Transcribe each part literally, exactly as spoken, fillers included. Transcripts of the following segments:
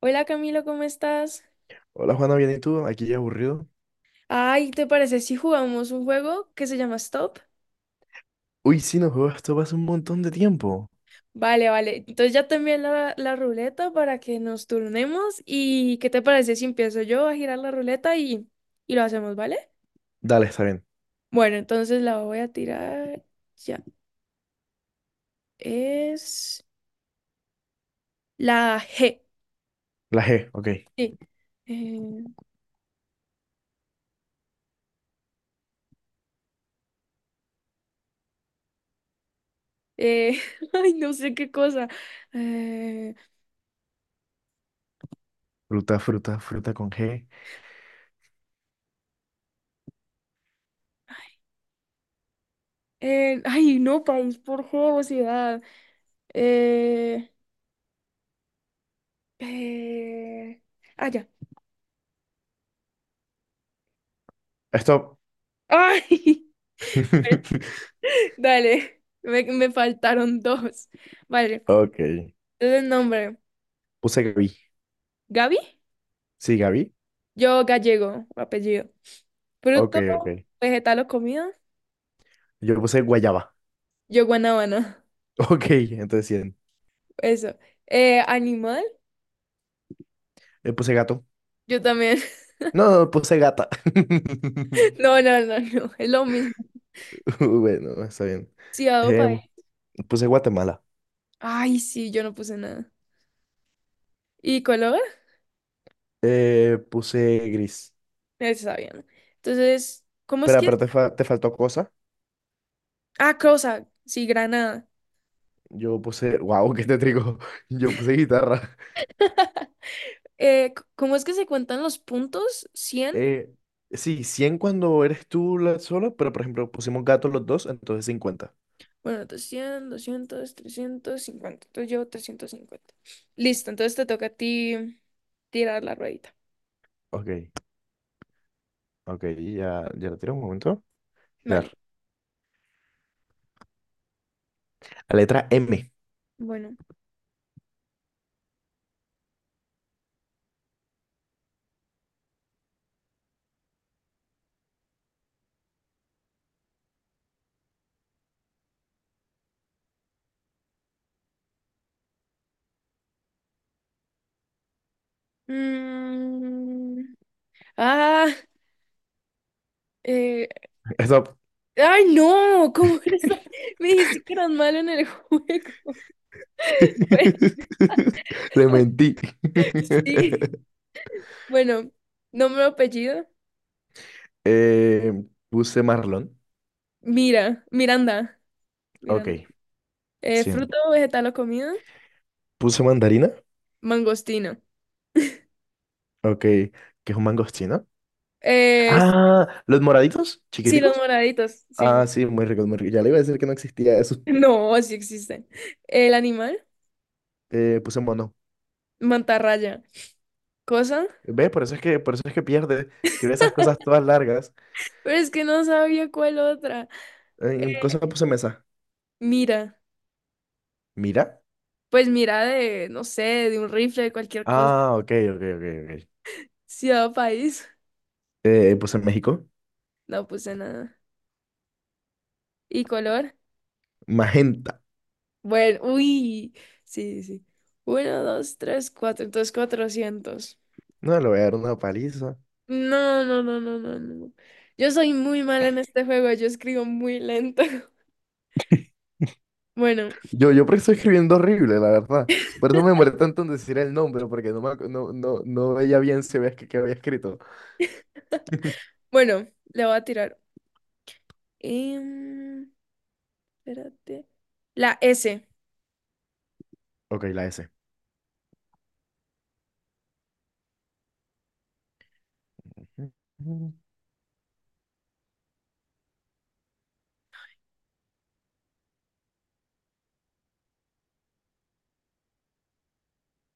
Hola Camilo, ¿cómo estás? Hola Juana, bien y tú, aquí ya aburrido. Ay, ¿te parece si jugamos un juego que se llama Stop? Uy, sí, no juego esto hace un montón de tiempo. Vale, vale. Entonces ya te envié la, la ruleta para que nos turnemos. ¿Y qué te parece si empiezo yo a girar la ruleta y, y lo hacemos? ¿Vale? Dale, está bien. Bueno, entonces la voy a tirar. Ya es la G. La G, ok. Sí. Eh, eh, Ay, no sé qué cosa. Eh, Fruta, fruta, fruta con G. Eh, ay, no, país por juego, ciudad. Eh, eh, Ah, ya. Stop. Ay, dale, me, me faltaron dos. Vale, Ok. entonces nombre, Puse Gaby. Gaby, Sí, Gaby. yo gallego, apellido. Ok, Fruto, ok. vegetal o comida, Yo puse guayaba. yo guanábana, Ok, entonces cien. eso. Eh, animal, Le puse gato. yo también. No, no, puse gata. No, no, no, no, es lo mismo. Bueno, está bien. Ciudad o país. Em, puse Guatemala. Ay, sí, yo no puse nada. ¿Y color? Eh, puse gris. Eso sabía, ¿no? Entonces, ¿cómo es Espera, que...? pero te, fa- te faltó cosa. Ah, cosa, sí, Granada. Yo puse, wow, qué tétrico. Yo puse guitarra. Eh, c- ¿cómo es que se cuentan los puntos? Cien. Eh, sí, cien cuando eres tú la sola, pero por ejemplo pusimos gato los dos, entonces cincuenta. Bueno, doscientos, doscientos, trescientos cincuenta. Entonces llevo trescientos cincuenta. Listo, entonces te toca a ti tirar la ruedita. Ok, ok, ya, ya lo tiro un momento. Girar. Vale, La letra M. bueno. Mm, Ah, eh, Stop. ay, no, ¿cómo crees? Me dijiste que eras malo en el juego. Bueno, Le mentí. sí, bueno, nombre, apellido. Eh, puse marlón. Mira, Miranda, Miranda. Ok, Eh, cien. Fruto, vegetal o comida. Puse mandarina. Mangostino. Ok, que es un mangostino. Eh, Ah, los moraditos, sí, los chiquiticos. moraditos. Sí, Ah, sí. sí, muy rico, muy rico. Ya le iba a decir que no existía eso. No, sí existen. El animal, Eh, puse mono. mantarraya. Cosa, Ves por eso es que, por eso es que pierde. Escribe esas cosas todas largas. pero es que no sabía cuál otra. Eh, En cosas puse mesa. Mira, Mira. pues mira de, no sé, de un rifle, de cualquier cosa. Ah, ok, ok, ok, ok. Ciudad o país, Eh, eh, puse en México. no puse nada. ¿Y color? Magenta. Bueno, uy, sí, sí, sí. Uno, dos, tres, cuatro, entonces cuatrocientos. No, le voy a dar una paliza. No, no, no, no, no, no. Yo soy muy mala en este juego, yo escribo muy lento. Bueno, Yo, yo porque estoy escribiendo horrible, la verdad. Por eso me demoré tanto en decir el nombre, porque no, me ac- no, no, no veía bien si había, que, que había escrito. bueno, le voy a tirar. Em, Espérate. La S. Ok, la S.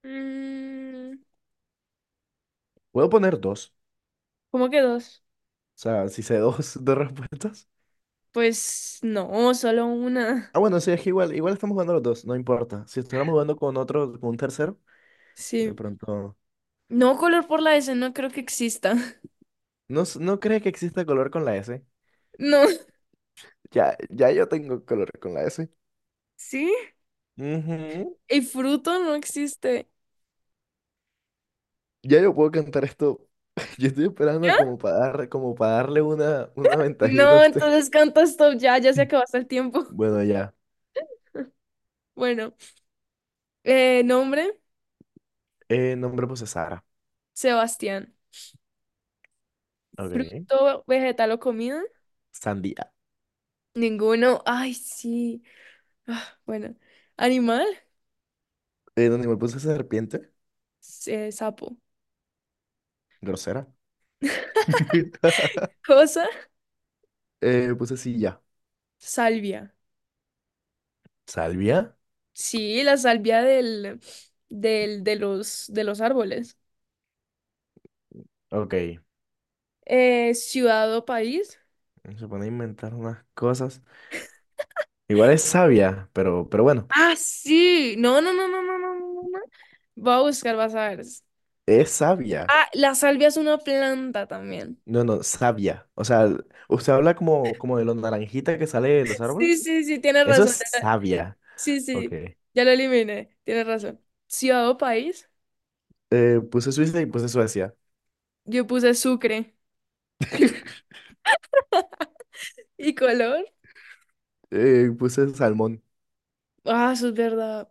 Mm, Puedo poner dos. ¿Cómo que dos? O sea, si sé dos, dos respuestas. Pues no, solo una. Ah, bueno, sí, es que igual, igual estamos jugando los dos, no importa. Si estuviéramos jugando con otro, con un tercero, de Sí. pronto. No, color por la S no creo que exista. ¿No, s- no crees que exista color con la S? No. Ya, ya yo tengo color con la S. ¿Sí? Ujú. Y fruto no existe. Ya yo puedo cantar esto. Yo estoy esperando como para dar, como para darle una, una ventajita a No, usted. entonces canta Stop, ya, ya se acabó hasta el tiempo. Bueno, ya. Bueno, eh, nombre, Eh, nombre puse Sara. Sebastián. Ok. Fruto, vegetal o comida, Sandía. ninguno. Ay, sí. Ah, bueno, animal, Eh, donde me puse serpiente, eh, sapo. grosera. Cosa, Eh, puse silla. salvia. ¿Salvia? Sí, la salvia del, del, de los, de los árboles. Ok. Eh, ciudad o país. Se pone a inventar unas cosas. Igual es sabia, pero, pero bueno, Ah, sí. No, no, no, no, no, no, no, no, no. Voy a buscar, vas a ver. es sabia. Ah, la salvia es una planta también. No, no, savia. O sea, usted habla como, como de los naranjitas que sale de los Sí, árboles. sí, sí, tienes Eso razón. es savia. Sí, Ok. sí. Ya lo eliminé. Tienes razón. Ciudad o país. Eh, puse Suiza y puse Suecia. Yo puse Sucre. ¿Y color? Eh, puse salmón. Ah, eso es verdad.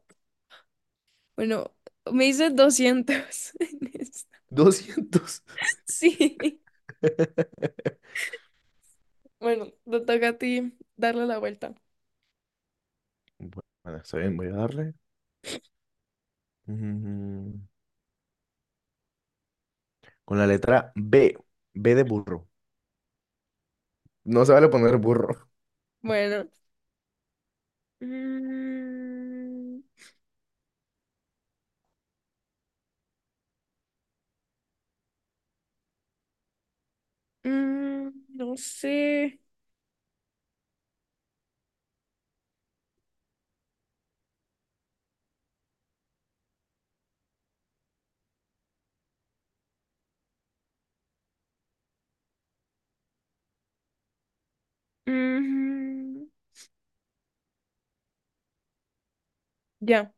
Bueno, me hice doscientos en esta. Doscientos. Sí. Bueno, te toca a ti darle la vuelta. Bueno, está bien, voy a darle. Mm, Con la letra B. B de burro. No se vale poner burro. Bueno. Mm, mm, no sé. Mm, ya,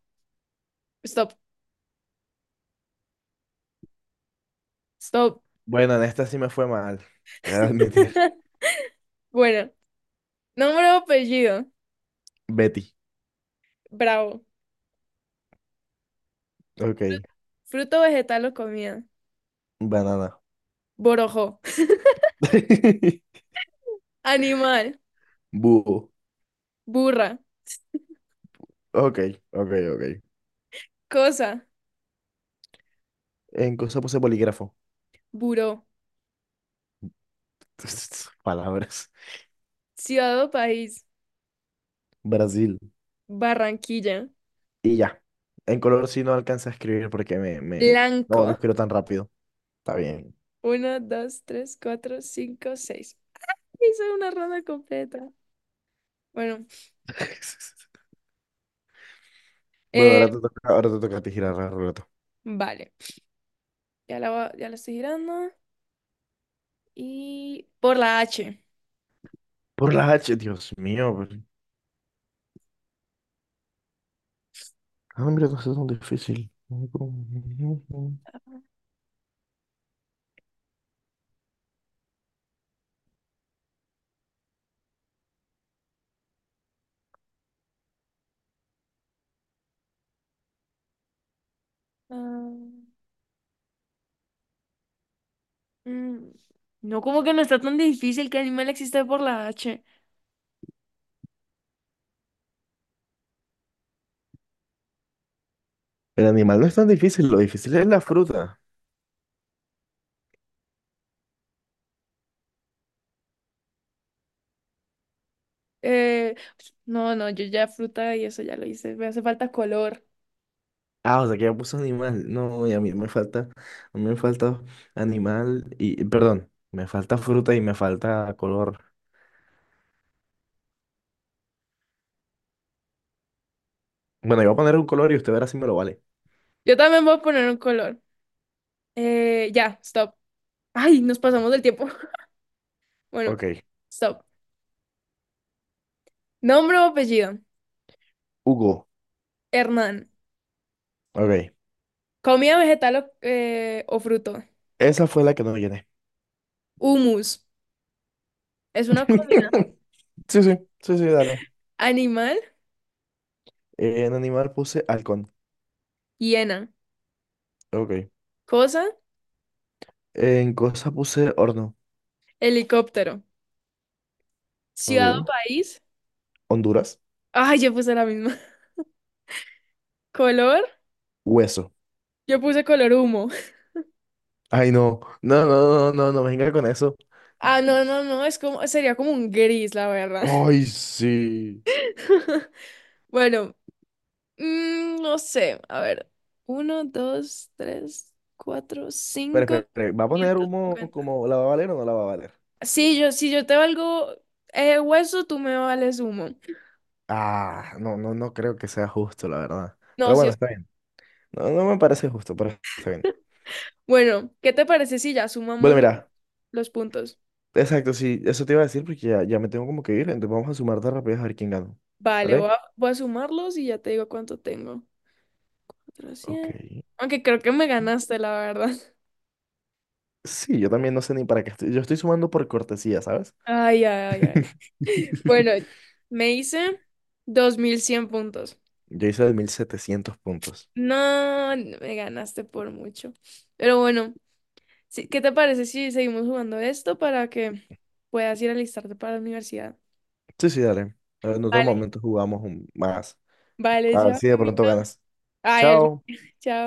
stop, stop. Bueno, en esta sí me fue mal. Voy a admitir. Bueno, nombre o apellido. Betty. Bravo. Ok. Fruto, vegetal o comida. Banana. Borojó. Animal. Búho. Burra. Ok, ok, ok. Cosa. En cosa puse bolígrafo. Buró. Palabras. Ciudad o país. Brasil. Barranquilla. Y ya. En color sí no alcanza a escribir porque me, me... No, no Blanco. escribo tan rápido. Está bien. Uno, dos, tres, cuatro, cinco, seis. Hice una ronda completa. Bueno, Bueno, eh, ahora te toca, ahora te toca a ti girar la ruleta. vale. Ya la, va- ya la estoy girando. Y por la H. Por la H, Dios mío. pero- Ah, mira, no es tan difícil. El Ah, mm, no, como que no está tan difícil. Que animal existe por la H. animal no es tan difícil, lo difícil es la fruta. Eh, pues, no, no, yo ya fruta y eso ya lo hice. Me hace falta color. Ah, o sea que ya puso animal. No, y a mí me falta, a mí me falta animal y, perdón, me falta fruta y me falta color. Bueno, yo voy a poner un color y usted verá si me lo vale. Yo también voy a poner un color. Eh, ya, stop. Ay, nos pasamos del tiempo. Bueno, Ok, stop. Nombre o apellido. Hugo. Hernán. Ok, Comida, vegetal o, eh, o fruto. esa fue la que no llené. Humus. Es una comida. Sí, sí, sí, sí, dale. Animal. En animal puse halcón. Hiena. Ok. Cosa. En cosa puse horno. Helicóptero. Ciudad o Ok. país. Honduras. Ay, yo puse la misma. ¿Color? Hueso. Yo puse color humo. Ay, no. No, no, no, no, no venga con eso. Ah, no, no, no, es como, sería como un gris, la verdad. Ay, sí. Bueno, mm, no sé, a ver. Uno, dos, tres, cuatro, Pero, cinco, espera espere, ¿va a poner humo quinientos cincuenta. como la va a valer o no la va a valer? Sí, yo, si yo te valgo eh, hueso, tú me vales humo. Ah, no, no, no creo que sea justo, la verdad. No, Pero sí. bueno, es- está bien. No, no me parece justo, pero está bien. Bueno, ¿qué te parece si ya sumamos Bueno, lo- mira. los puntos? Exacto, sí, eso te iba a decir porque ya, ya me tengo como que ir, entonces vamos a sumar de rapidez a ver quién gana. Vale, voy ¿Vale? a, voy a sumarlos y ya te digo cuánto tengo. Ok. cuatrocientos. Aunque creo que me ganaste, la verdad. Sí, yo también no sé ni para qué estoy. Yo estoy sumando por cortesía, ¿sabes? Ay, ay, ay, ay. Bueno, me hice dos mil cien puntos. Yo hice de mil setecientos puntos. No, no me ganaste por mucho. Pero bueno, sí, ¿qué te parece si seguimos jugando esto para que puedas ir a alistarte para la universidad? Sí, sí, dale. En otro Vale, momento jugamos un- más. vale, A ver chao, si de pronto Camila. ganas. Ay, algún- Chao. chao.